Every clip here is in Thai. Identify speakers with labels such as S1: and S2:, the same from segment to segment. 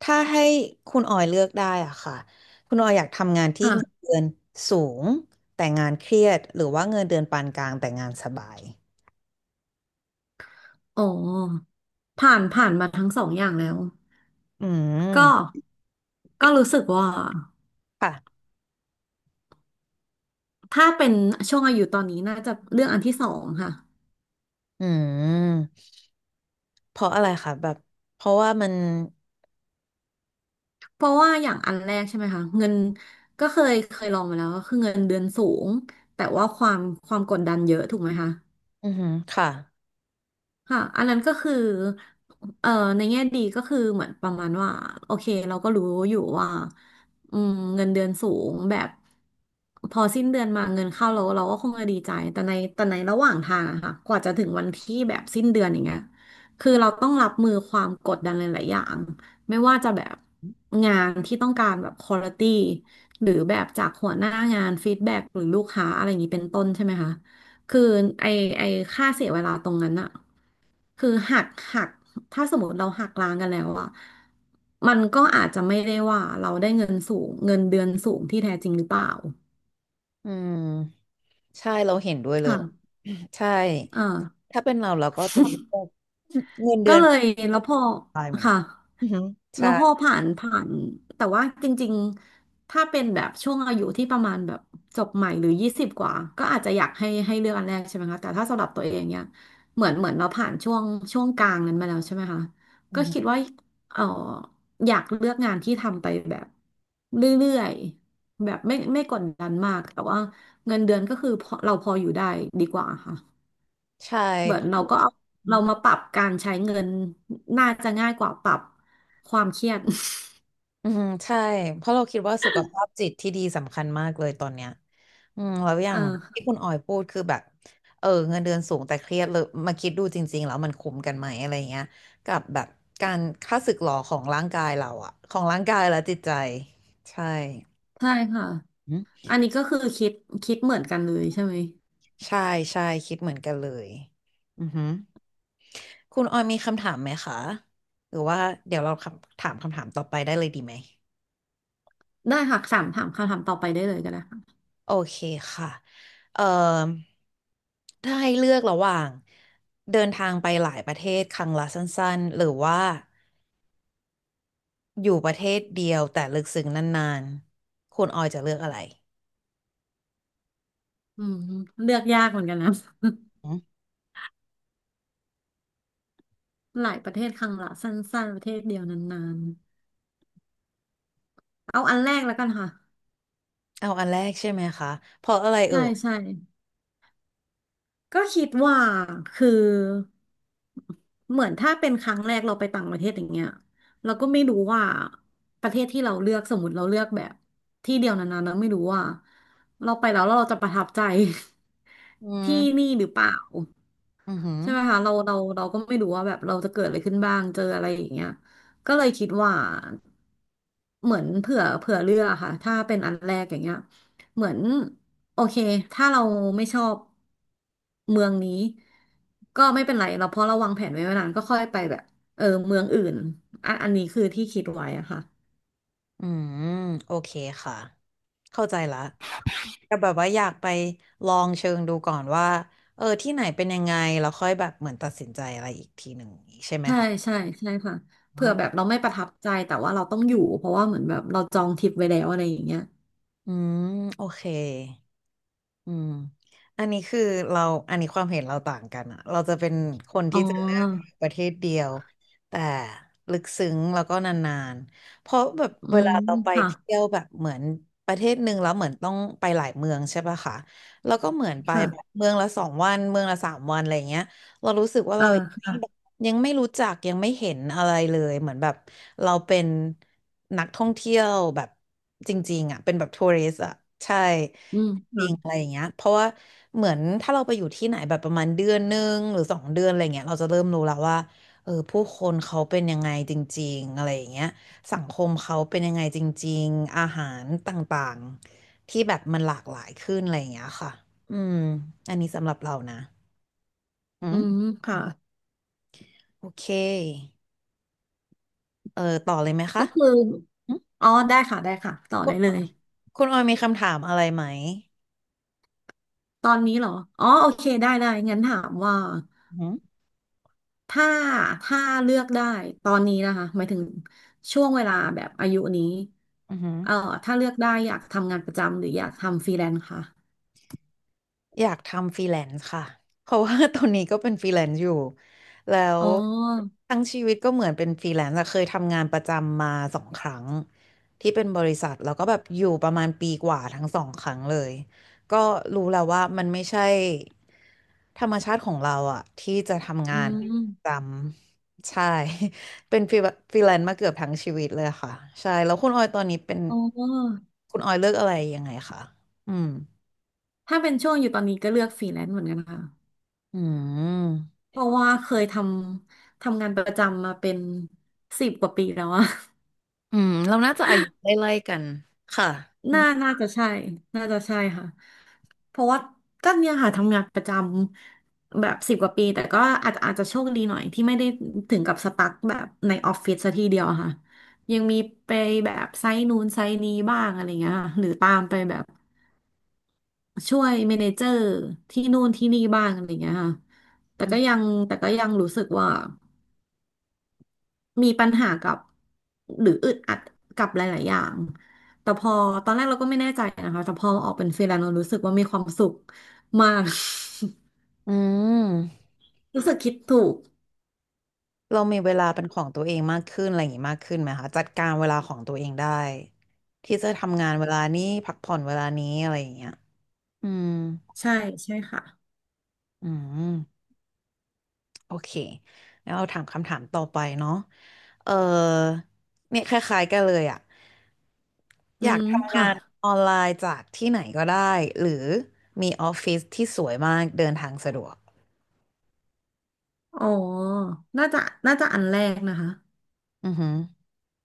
S1: ถ้าให้คุณออยเลือกได้อ่ะค่ะคุณออยอยากทำงานที่
S2: ค่ะ
S1: เงินเดือนสูงแต่งานเครียดหรือว่าเงินเดือนปานกลางแต่งานสบาย
S2: อ๋อผ่านมาทั้งสองอย่างแล้ว
S1: อื
S2: ก็
S1: ม
S2: ก็รู้สึกว่า
S1: ค่ะ
S2: ถ้าเป็นช่วงอายุตอนนี้น่าจะเรื่องอันที่สองค่ะ
S1: อืมเพราะอะไรคะแบบเพราะว่ามัน
S2: เพราะว่าอย่างอันแรกใช่ไหมคะเงินก็เคยลองมาแล้วก็คือเงินเดือนสูง แต่ว่าความกดดันเยอะถูกไหมคะ
S1: อือหือค่ะ
S2: ค่ะอันนั้นก็คือเอ่อในแง่ดีก็คือเหมือนประมาณว่าโอเคเราก็รู้อยู่ว่าอืมเงินเดือนสูงแบบพอสิ้นเดือนมาเงินเข้าเราเราก็คงจะดีใจแต่ในระหว่างทางอะค่ะกว่าจะถึงวันที่แบบสิ้นเดือนอย่างเงี้ยคือเราต้องรับมือความกดดันหลายๆอย่างไม่ว่าจะแบบงานที่ต้องการแบบควอลิตี้หรือแบบจากหัวหน้างานฟีดแบ็กหรือลูกค้าอะไรอย่างนี้เป็นต้นใช่ไหมคะคือไอไอค่าเสียเวลาตรงนั้นอะ คือหักถ้าสมมติเราหักล้างกันแล้วอะมันก็อาจจะไม่ได้ว่าเราได้เงินสูงเงินเดือนสูงที่แท้จริงหรือเปล่า
S1: อืมใช่เราเห็นด้วยเลย
S2: ค่ะ
S1: ใช่
S2: อ่า
S1: ถ้าเป็นเราเราก็จะเลือกเงินเดื
S2: ก็
S1: อน
S2: เลย
S1: ปาน
S2: แล้วพอ
S1: กลางเหมือน
S2: ค่ะ
S1: กันอือหือ
S2: แล้
S1: ใช่
S2: วพอผ่านผ่านแต่ว่าจริงๆ ถ้าเป็นแบบช่วงอายุที่ประมาณแบบจบใหม่หรือยี่สิบกว่าก็อาจจะอยากให้เลือกอันแรกใช่ไหมคะแต่ถ้าสำหรับตัวเองเนี่ยเหมือนเราผ่านช่วงกลางนั้นมาแล้วใช่ไหมคะ
S1: อื
S2: ก็
S1: อหือ
S2: คิดว่าเอออยากเลือกงานที่ทำไปแบบเรื่อยๆแบบไม่กดดันมากแต่ว่าเงินเดือนก็คือพอเราพออยู่ได้ดีกว่าค่ะ
S1: ใช่
S2: เหมือ
S1: เพ
S2: นเราก็
S1: ราะ
S2: เอาเรามาปรับการใช้เงินน่าจะง่ายกว่าปรับความเครียด
S1: อืมใช่เพราะเราคิดว่าสุขภาพจิตที่ดีสำคัญมากเลยตอนเนี้ยอืมแล้วอ ย่า
S2: เ
S1: งที่
S2: ออ
S1: คุณออยพูดคือแบบเออเงินเดือนสูงแต่เครียดเลยมาคิดดูจริงๆแล้วมันคุ้มกันไหมอะไรเงี้ยกับแบบการค่าศึกหรอของร่างกายเราอะของร่างกายและจิตใจใช่
S2: ใช่ค่ะ
S1: อืม
S2: อันนี้ก็คือคิดเหมือนกันเลยใช่ไหม
S1: ใช่ใช่คิดเหมือนกันเลยอือหือคุณออยมีคำถามไหมคะหรือว่าเดี๋ยวเราคำถามคำถามต่อไปได้เลยดีไหม
S2: ได้ค่ะสามถามคำถามต่อไปได้เลยก็ได้ค่ะ
S1: โอเคค่ะเอ่อถ้าให้เลือกระหว่างเดินทางไปหลายประเทศครั้งละสั้นๆหรือว่าอยู่ประเทศเดียวแต่ลึกซึ้งนานๆคุณออยจะเลือกอะไร
S2: อืมเลือกยากเหมือนกันนะ
S1: อืม
S2: หลายประเทศครั้งละสั้นๆประเทศเดียวนานๆเอาอันแรกแล้วกันค่ะ
S1: เอาอันแรกใช่ไหมคะเพราะอะไรเอ่
S2: ใช่
S1: ย
S2: ใช่ ก็คิดว่าคือเหมือนถ้าเป็นครั้งแรกเราไปต่างประเทศอย่างเงี้ยเราก็ไม่รู้ว่าประเทศที่เราเลือกสมมติเราเลือกแบบที่เดียวนานๆเราไม่รู้ว่าเราไปแล้วเราจะประทับใจ
S1: อื
S2: ที่
S1: ม
S2: นี่หรือเปล่า
S1: อือหือ
S2: ใช่ไหมคะเราก็ไม่รู้ว่าแบบเราจะเกิดอะไรขึ้นบ้างเจออะไรอย่างเงี้ยก็เลยคิดว่าเหมือนเผื่อเลือกอะค่ะถ้าเป็นอันแรกอย่างเงี้ยเหมือนโอเคถ้าเราไม่ชอบเมืองนี้ก็ไม่เป็นไรเราเพราะเราวางแผนไว้นานก็ค่อยไปแบบเออเมืองอื่นอันนี้คือที่คิดไว้อะค่ะ
S1: อืมโอเคค่ะเข้าใจละแต่แบบว่าอยากไปลองเชิงดูก่อนว่าเออที่ไหนเป็นยังไงแล้วค่อยแบบเหมือนตัดสินใจอะไรอีกทีหนึ่งอย่างงี้ใช่ไหม
S2: ใช่
S1: คะ
S2: ใช่ใช่ค่ะเผื่อแบบเราไม่ประทับใจแต่ว่าเราต้องอยู่เพราะว่าเหมือนแบบเราจองทริปไว้แล้วอะไรอย่างเงี้ย
S1: อืมโอเค อืม อันนี้คือเราอันนี้ความเห็นเราต่างกันอะเราจะเป็นคน
S2: อ๋
S1: ที่
S2: อ
S1: จะเลือกประเทศเดียวแต่ลึกซึ้งแล้วก็นานๆเพราะแบบ
S2: อื
S1: เว
S2: ม
S1: ลาเราไป
S2: ค่ะ
S1: เที่ยวแบบเหมือนประเทศหนึ่งแล้วเหมือนต้องไปหลายเมืองใช่ปะคะแล้วก็เหมือนไป
S2: ค่ะ
S1: แบบเมืองละ2 วันเมืองละ3 วันอะไรเงี้ยเรารู้สึกว่า
S2: อ่า
S1: เรายังไม่แบบ
S2: ค่ะ
S1: ยังไม่รู้จักยังไม่เห็นอะไรเลยเหมือนแบบเราเป็นนักท่องเที่ยวแบบจริงๆอะเป็นแบบทัวริสอะใช่
S2: อืม
S1: จริงอะ
S2: ค่ะ
S1: ไรอย่างเงี้ยเพราะว่าเหมือนถ้าเราไปอยู่ที่ไหนแบบประมาณเดือนหนึ่งหรือ2 เดือนอะไรเงี้ยเราจะเริ่มรู้แล้วว่าเออผู้คนเขาเป็นยังไงจริงๆอะไรอย่างเงี้ยสังคมเขาเป็นยังไงจริงๆอาหารต่างๆที่แบบมันหลากหลายขึ้นอะไรอย่างเงี้ยค่ะอืมอันนี้สำหรับเรานะอื
S2: อื
S1: ม
S2: มค่ะ
S1: โอเคเออต่อเลยไหมคะ
S2: ก็คือ
S1: อืม
S2: อ๋อได้ค่ะได้ค่ะต่อ
S1: คุ
S2: ได้
S1: ณ
S2: เลย
S1: คุณออยมีคำถามอะไรไหม
S2: ตอนนี้เหรออ๋อโอเค ได้ได้งั้นถามว่า
S1: อืม
S2: ถ้า ถ้าเลือกได้ ตอนนี้นะคะหมายถึงช่วงเวลาแบบอายุนี้
S1: อหืม
S2: เอ่อถ้าเลือกได้อยากทำงานประจำหรืออยากทำฟรีแลนซ์ค่ะ
S1: อยากทำฟรีแลนซ์ค่ะเพราะว่า ตอนนี้ก็เป็นฟรีแลนซ์อยู่แล้ว
S2: อ๋อ
S1: ทั้งชีวิตก็เหมือนเป็นฟรีแลนซ์อะเคยทำงานประจำมาสองครั้งที่เป็นบริษัทแล้วก็แบบอยู่ประมาณปีกว่าทั้งสองครั้งเลยก็รู้แล้วว่ามันไม่ใช่ธรรมชาติของเราอะที่จะทำ
S2: อื
S1: งานประจ
S2: ม
S1: ำใช่ เป็นฟรีแลนซ์มาเกือบทั้งชีวิตเลยค่ะใช่แล้วคุณออยตอนนี้เป็น
S2: อ๋อ
S1: คุณออยเลือกอะไรยังไงคะอืม
S2: ถ้าเป็นช่วงอยู่ตอนนี้ก็เลือกฟรีแลนซ์เหมือนกันค่ะ
S1: อืม
S2: เพราะว่าเคยทำงานประจำมาเป็นสิบกว่าปีแล้วอะ
S1: อืมเราน่าจะอายุไล่ๆกันค่ะอืม
S2: น่าจะใช่ น่าจะใช่ค่ะ เพราะว่าก็เนี่ยค่ะทำงานประจำแบบสิบกว่าปี แต่ก็อาจจะโชคดีหน่อยที่ไม่ได้ถึงกับสตั๊กแบบในออฟฟิศซะทีเดียวอะค่ะ ยังมีไปแบบไซต์นู้นไซต์นี้บ้างอะไรเงี้ยค่ะหรือตามไปแบบช่วยเมเนเจอร์ที่นู่นที่นี่บ้างอะไรเงี้ยค่ะแต่
S1: อื
S2: ก็ยั
S1: ม
S2: งแต่ก็ยังรู้สึกว่า มีปัญหากับหรืออึดอัดกับหลายๆอย่างแต่พอตอนแรกเราก็ไม่แน่ใจนะคะแต่พอออกเป็นฟรีแลนซ์เรารู้สึกว่ามีความสุขมาก
S1: อืม
S2: รู้สึกคิดถูก
S1: เรามีเวลาเป็นของตัวเองมากขึ้นอะไรอย่างงี้มากขึ้นไหมคะจัดการเวลาของตัวเองได้ที่จะทำงานเวลานี้พักผ่อนเวลานี้อะไรอย่างเงี้ยอืม
S2: ใช่ใช่ค่ะ
S1: อืมโอเคแล้วเราถามคำถามต่อไปเนาะเออเนี่ยคล้ายๆกันเลยอ่ะ
S2: อื
S1: อยาก
S2: ม
S1: ทำ
S2: ค่ะ
S1: งานออนไลน์จากที่ไหนก็ได้หรือมีออฟฟิศที่สวยมากเดินทางสะดวก
S2: อ๋อน่าจะน่าจะอันแรกนะคะ
S1: อือฮึ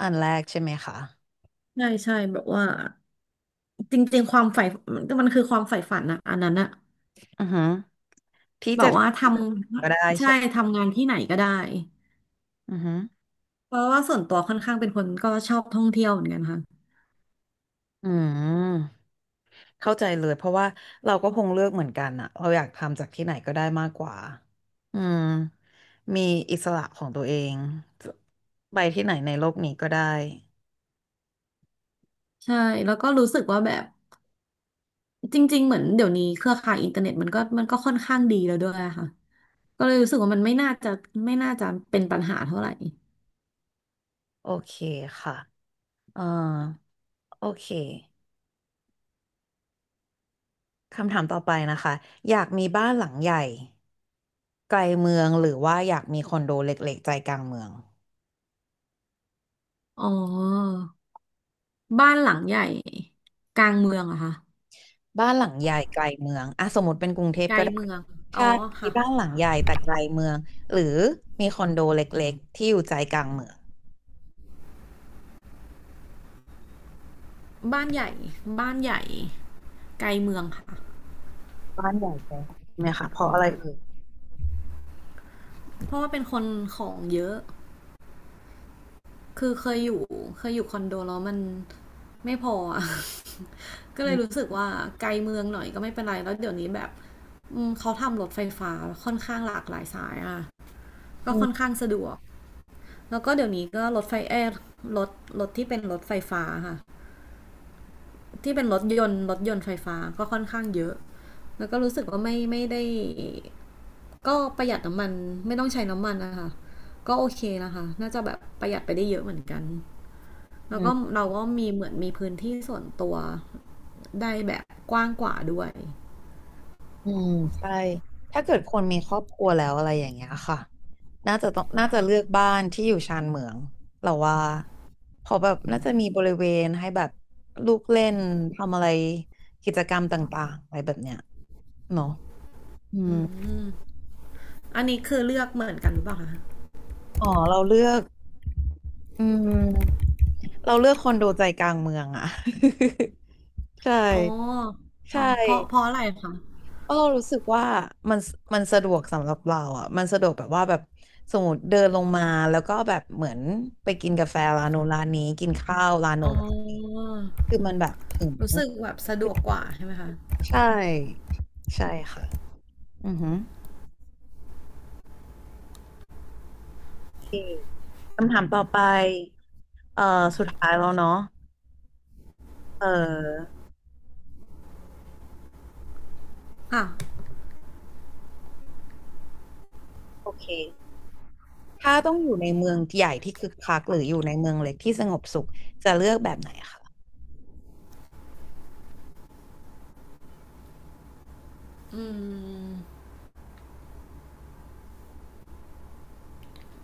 S1: อันแรกใช่ไหมคะ
S2: ใช่ใช่แบบว่าจริงๆความใฝ่มันคือความใฝ่ฝันอะอันนั้นอะ
S1: อือฮึที่
S2: แบ
S1: จะ
S2: บ
S1: ท
S2: ว่าท
S1: ำก็ได้
S2: ำใช่
S1: ใช่ไหม
S2: ทำงานที่ไหนก็ได้
S1: อือฮึ
S2: เพราะว่าส่วนตัวค่อนข้างเป็นคนก็ชอบท่องเที่ยวเหมือนกันค่ะ
S1: อืมเข้าใจเลยเพราะว่าเราก็คงเลือกเหมือนกันอะเราอยากทำจากที่ไหนก็ได้มากกว่าอืมมีอิสระของตัวเองไปที่ไหนในโลกนี้ก็ได้
S2: ใช่แล้วก็รู้สึกว่าแบบ จริงๆ เหมือนเดี๋ยวนี้เครือข่ายอินเทอร์เน็ตมันก็ค่อนข้างดีแล้วด้วยอะค่ะก็เลยรู้สึกว่ามันไม่น่าจะเป็นปัญหาเท่าไหร่
S1: โอเคค่ะเอ่อโอเคคำถามต่อไปนะคะ อยากมีบ้านหลังใหญ่ไกลเมืองหรือว่าอยากมีคอนโดเล็กๆใจกลางเมือง
S2: อ๋อบ้านหลังใหญ่กลางเมืองเหรอะค่ะ
S1: บ้านหลังใหญ่ไกลเมืองอ่ะสมมติเป็นกรุงเทพ
S2: ไกล
S1: ก็ได้
S2: เมือง
S1: ใช่
S2: อ๋อ
S1: มี
S2: ค่ะ
S1: บ้านหลังใหญ่แต่ไกลเมืองหรือมีคอนโดเล็กๆที่อยู่ใจกลางเมือง
S2: บ้านใหญ่บ้านใหญ่ไกลเมืองค่ะ
S1: บ้านใหญ่ไปใช่ไหมคะเพราะอะไรเอ่ย
S2: เพราะว่าเป็นคนของเยอะ คือเคยอยู่คอนโดแล้วมันไม่พออะ ก็
S1: อื
S2: เลยรู้
S1: ม
S2: สึกว่าไกลเมืองหน่อยก็ไม่เป็นไรแล้วเดี๋ยวนี้แบบเขาทำรถไฟฟ้าค่อนข้างหลากหลายสายอะ ก็
S1: อื
S2: ค่อน
S1: ม
S2: ข้างสะดวกแล้วก็เดี๋ยวนี้ก็รถไฟเอร์รถรถที่เป็นรถไฟฟ้าค่ะที่เป็นรถยนต์รถยนต์ไฟฟ้าก็ค่อนข้างเยอะแล้วก็รู้สึกว่าไม่ได้ก็ประหยัดน้ำมันไม่ต้องใช้น้ำมันนะคะก็โอเคนะคะน่าจะแบบประหยัดไปได้เยอะเหมือนกัน
S1: อื
S2: แล้วก็
S1: ม
S2: เราก็มีเหมือนมีพื้นที่ส่วนตัวได้แบบกว้างกว่าด้วย
S1: อืมใช่ถ้าเกิดคนมีครอบครัวแล้วอะไรอย่างเงี้ยค่ะน่าจะต้องน่าจะเลือกบ้านที่อยู่ชานเมืองเราว่าเพอแบบน่าจะมีบริเวณให้แบบลูกเล่นทำอะไรกิจกรรมต่างๆอะไรแบบเนี้ยเนาะอืม
S2: อืมอันนี้คือเลือกเหมือนกันหรือเปล่าคะ
S1: อ๋อเราเลือก อืมเราเลือกคอนโดใจกลางเมืองอ่ะ ใช่
S2: อ๋ออ๋
S1: ใช่
S2: อเพราะอะไรคะ
S1: เพราะเรารู้สึกว่ามันมันสะดวกสำหรับเราอ่ะมันสะดวกแบบว่าแบบสมมติเดินลงมาแล้วก็แบบเหมือนไปกินกาแฟร้านโน้นร้านนี้กินข้าวร้านโน้
S2: อ๋
S1: นร้านนี้
S2: อ
S1: คือมันแบบถึง
S2: รู้สึกแบบสะดวกกว่าใช่ไหมคะ
S1: ใช่ใช่ค่ะอือหือโอเคคำถามต่อไปเอ่อสุดท้ายแล้วเนาะเออ
S2: อ่ะ
S1: โอเค ถ้าต้องอยู่ในเมืองใหญ่ที่คึกคักหรืออยู่ในเมืองเล็กที่สงบสุขจะเลือกแบบไหนคะ
S2: อืม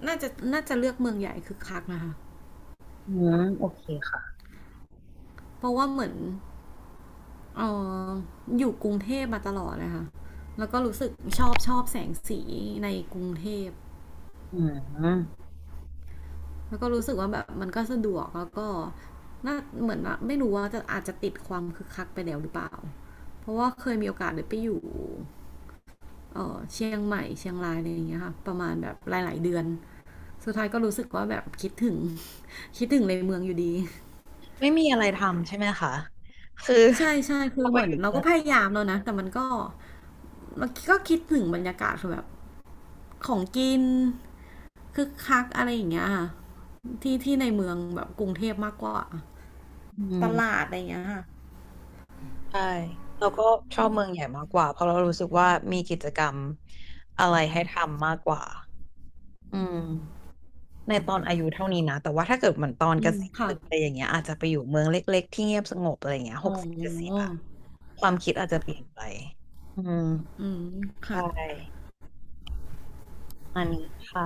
S2: น่าจะเลือกเมืองใหญ่คือคักนะคะ
S1: อืมโอเคค่ะ
S2: เพราะว่าเหมือนเอออยู่กรุงเทพมาตลอดเลยค่ะแล้วก็รู้สึกชอบแสงสีในกรุงเทพ
S1: อืม
S2: แล้วก็รู้สึกว่าแบบมันก็สะดวกแล้วก็น่าเหมือนว่าไม่รู้ว่าจะอาจจะติดความคึกคักไปแล้วหรือเปล่าเพราะว่าเคยมีโอกาสได้ไปอยู่เชียงใหม่เชียงรายอะไรอย่างเงี้ยค่ะประมาณแบบหลายๆเดือน สุดท้ายก็รู้สึกว่าแบบคิดถึง คิดถึงในเมืองอยู่ดี
S1: ไม่มีอะไรทำใช่ไหมคะคือ
S2: ใช่ใช่
S1: พ
S2: คือ
S1: อไป
S2: เหมือ
S1: อ
S2: น
S1: ยู่
S2: เรา
S1: เมื
S2: ก็
S1: อง
S2: พยายามแล้วนะแต่มันก็เราก็คิดถึงบรรยากาศคือแบบของกินคึกคักอะไรอย่างเงี้ยค่ะที่ที่ในเมืองแบบกรุงเทพมากกว่า
S1: อื
S2: ตลา
S1: ม
S2: ดอะไรอย่างเงี้ยค่ะ
S1: ใช่เราก็ชอบเมืองใหญ่มากกว่าเพราะเรารู้สึกว่ามีกิจกรรมอะไรให้ทำมากกว่าอืมในตอนอายุเท่านี้นะแต่ว่าถ้าเกิดเหมือนตอน
S2: อื
S1: เก
S2: ม
S1: ษียณห
S2: ค่ะ
S1: รืออะไรอย่างเงี้ยอาจจะไปอยู่เมืองเล็กๆที่เงียบสงบอะไรอย่างเงี้ยห
S2: อ๋
S1: กสิบ70
S2: อ
S1: อะความคิดอาจจะเปลี่ยนไปอืม
S2: อืม
S1: ใช่
S2: ค่ะ
S1: อันนี้ค่ะ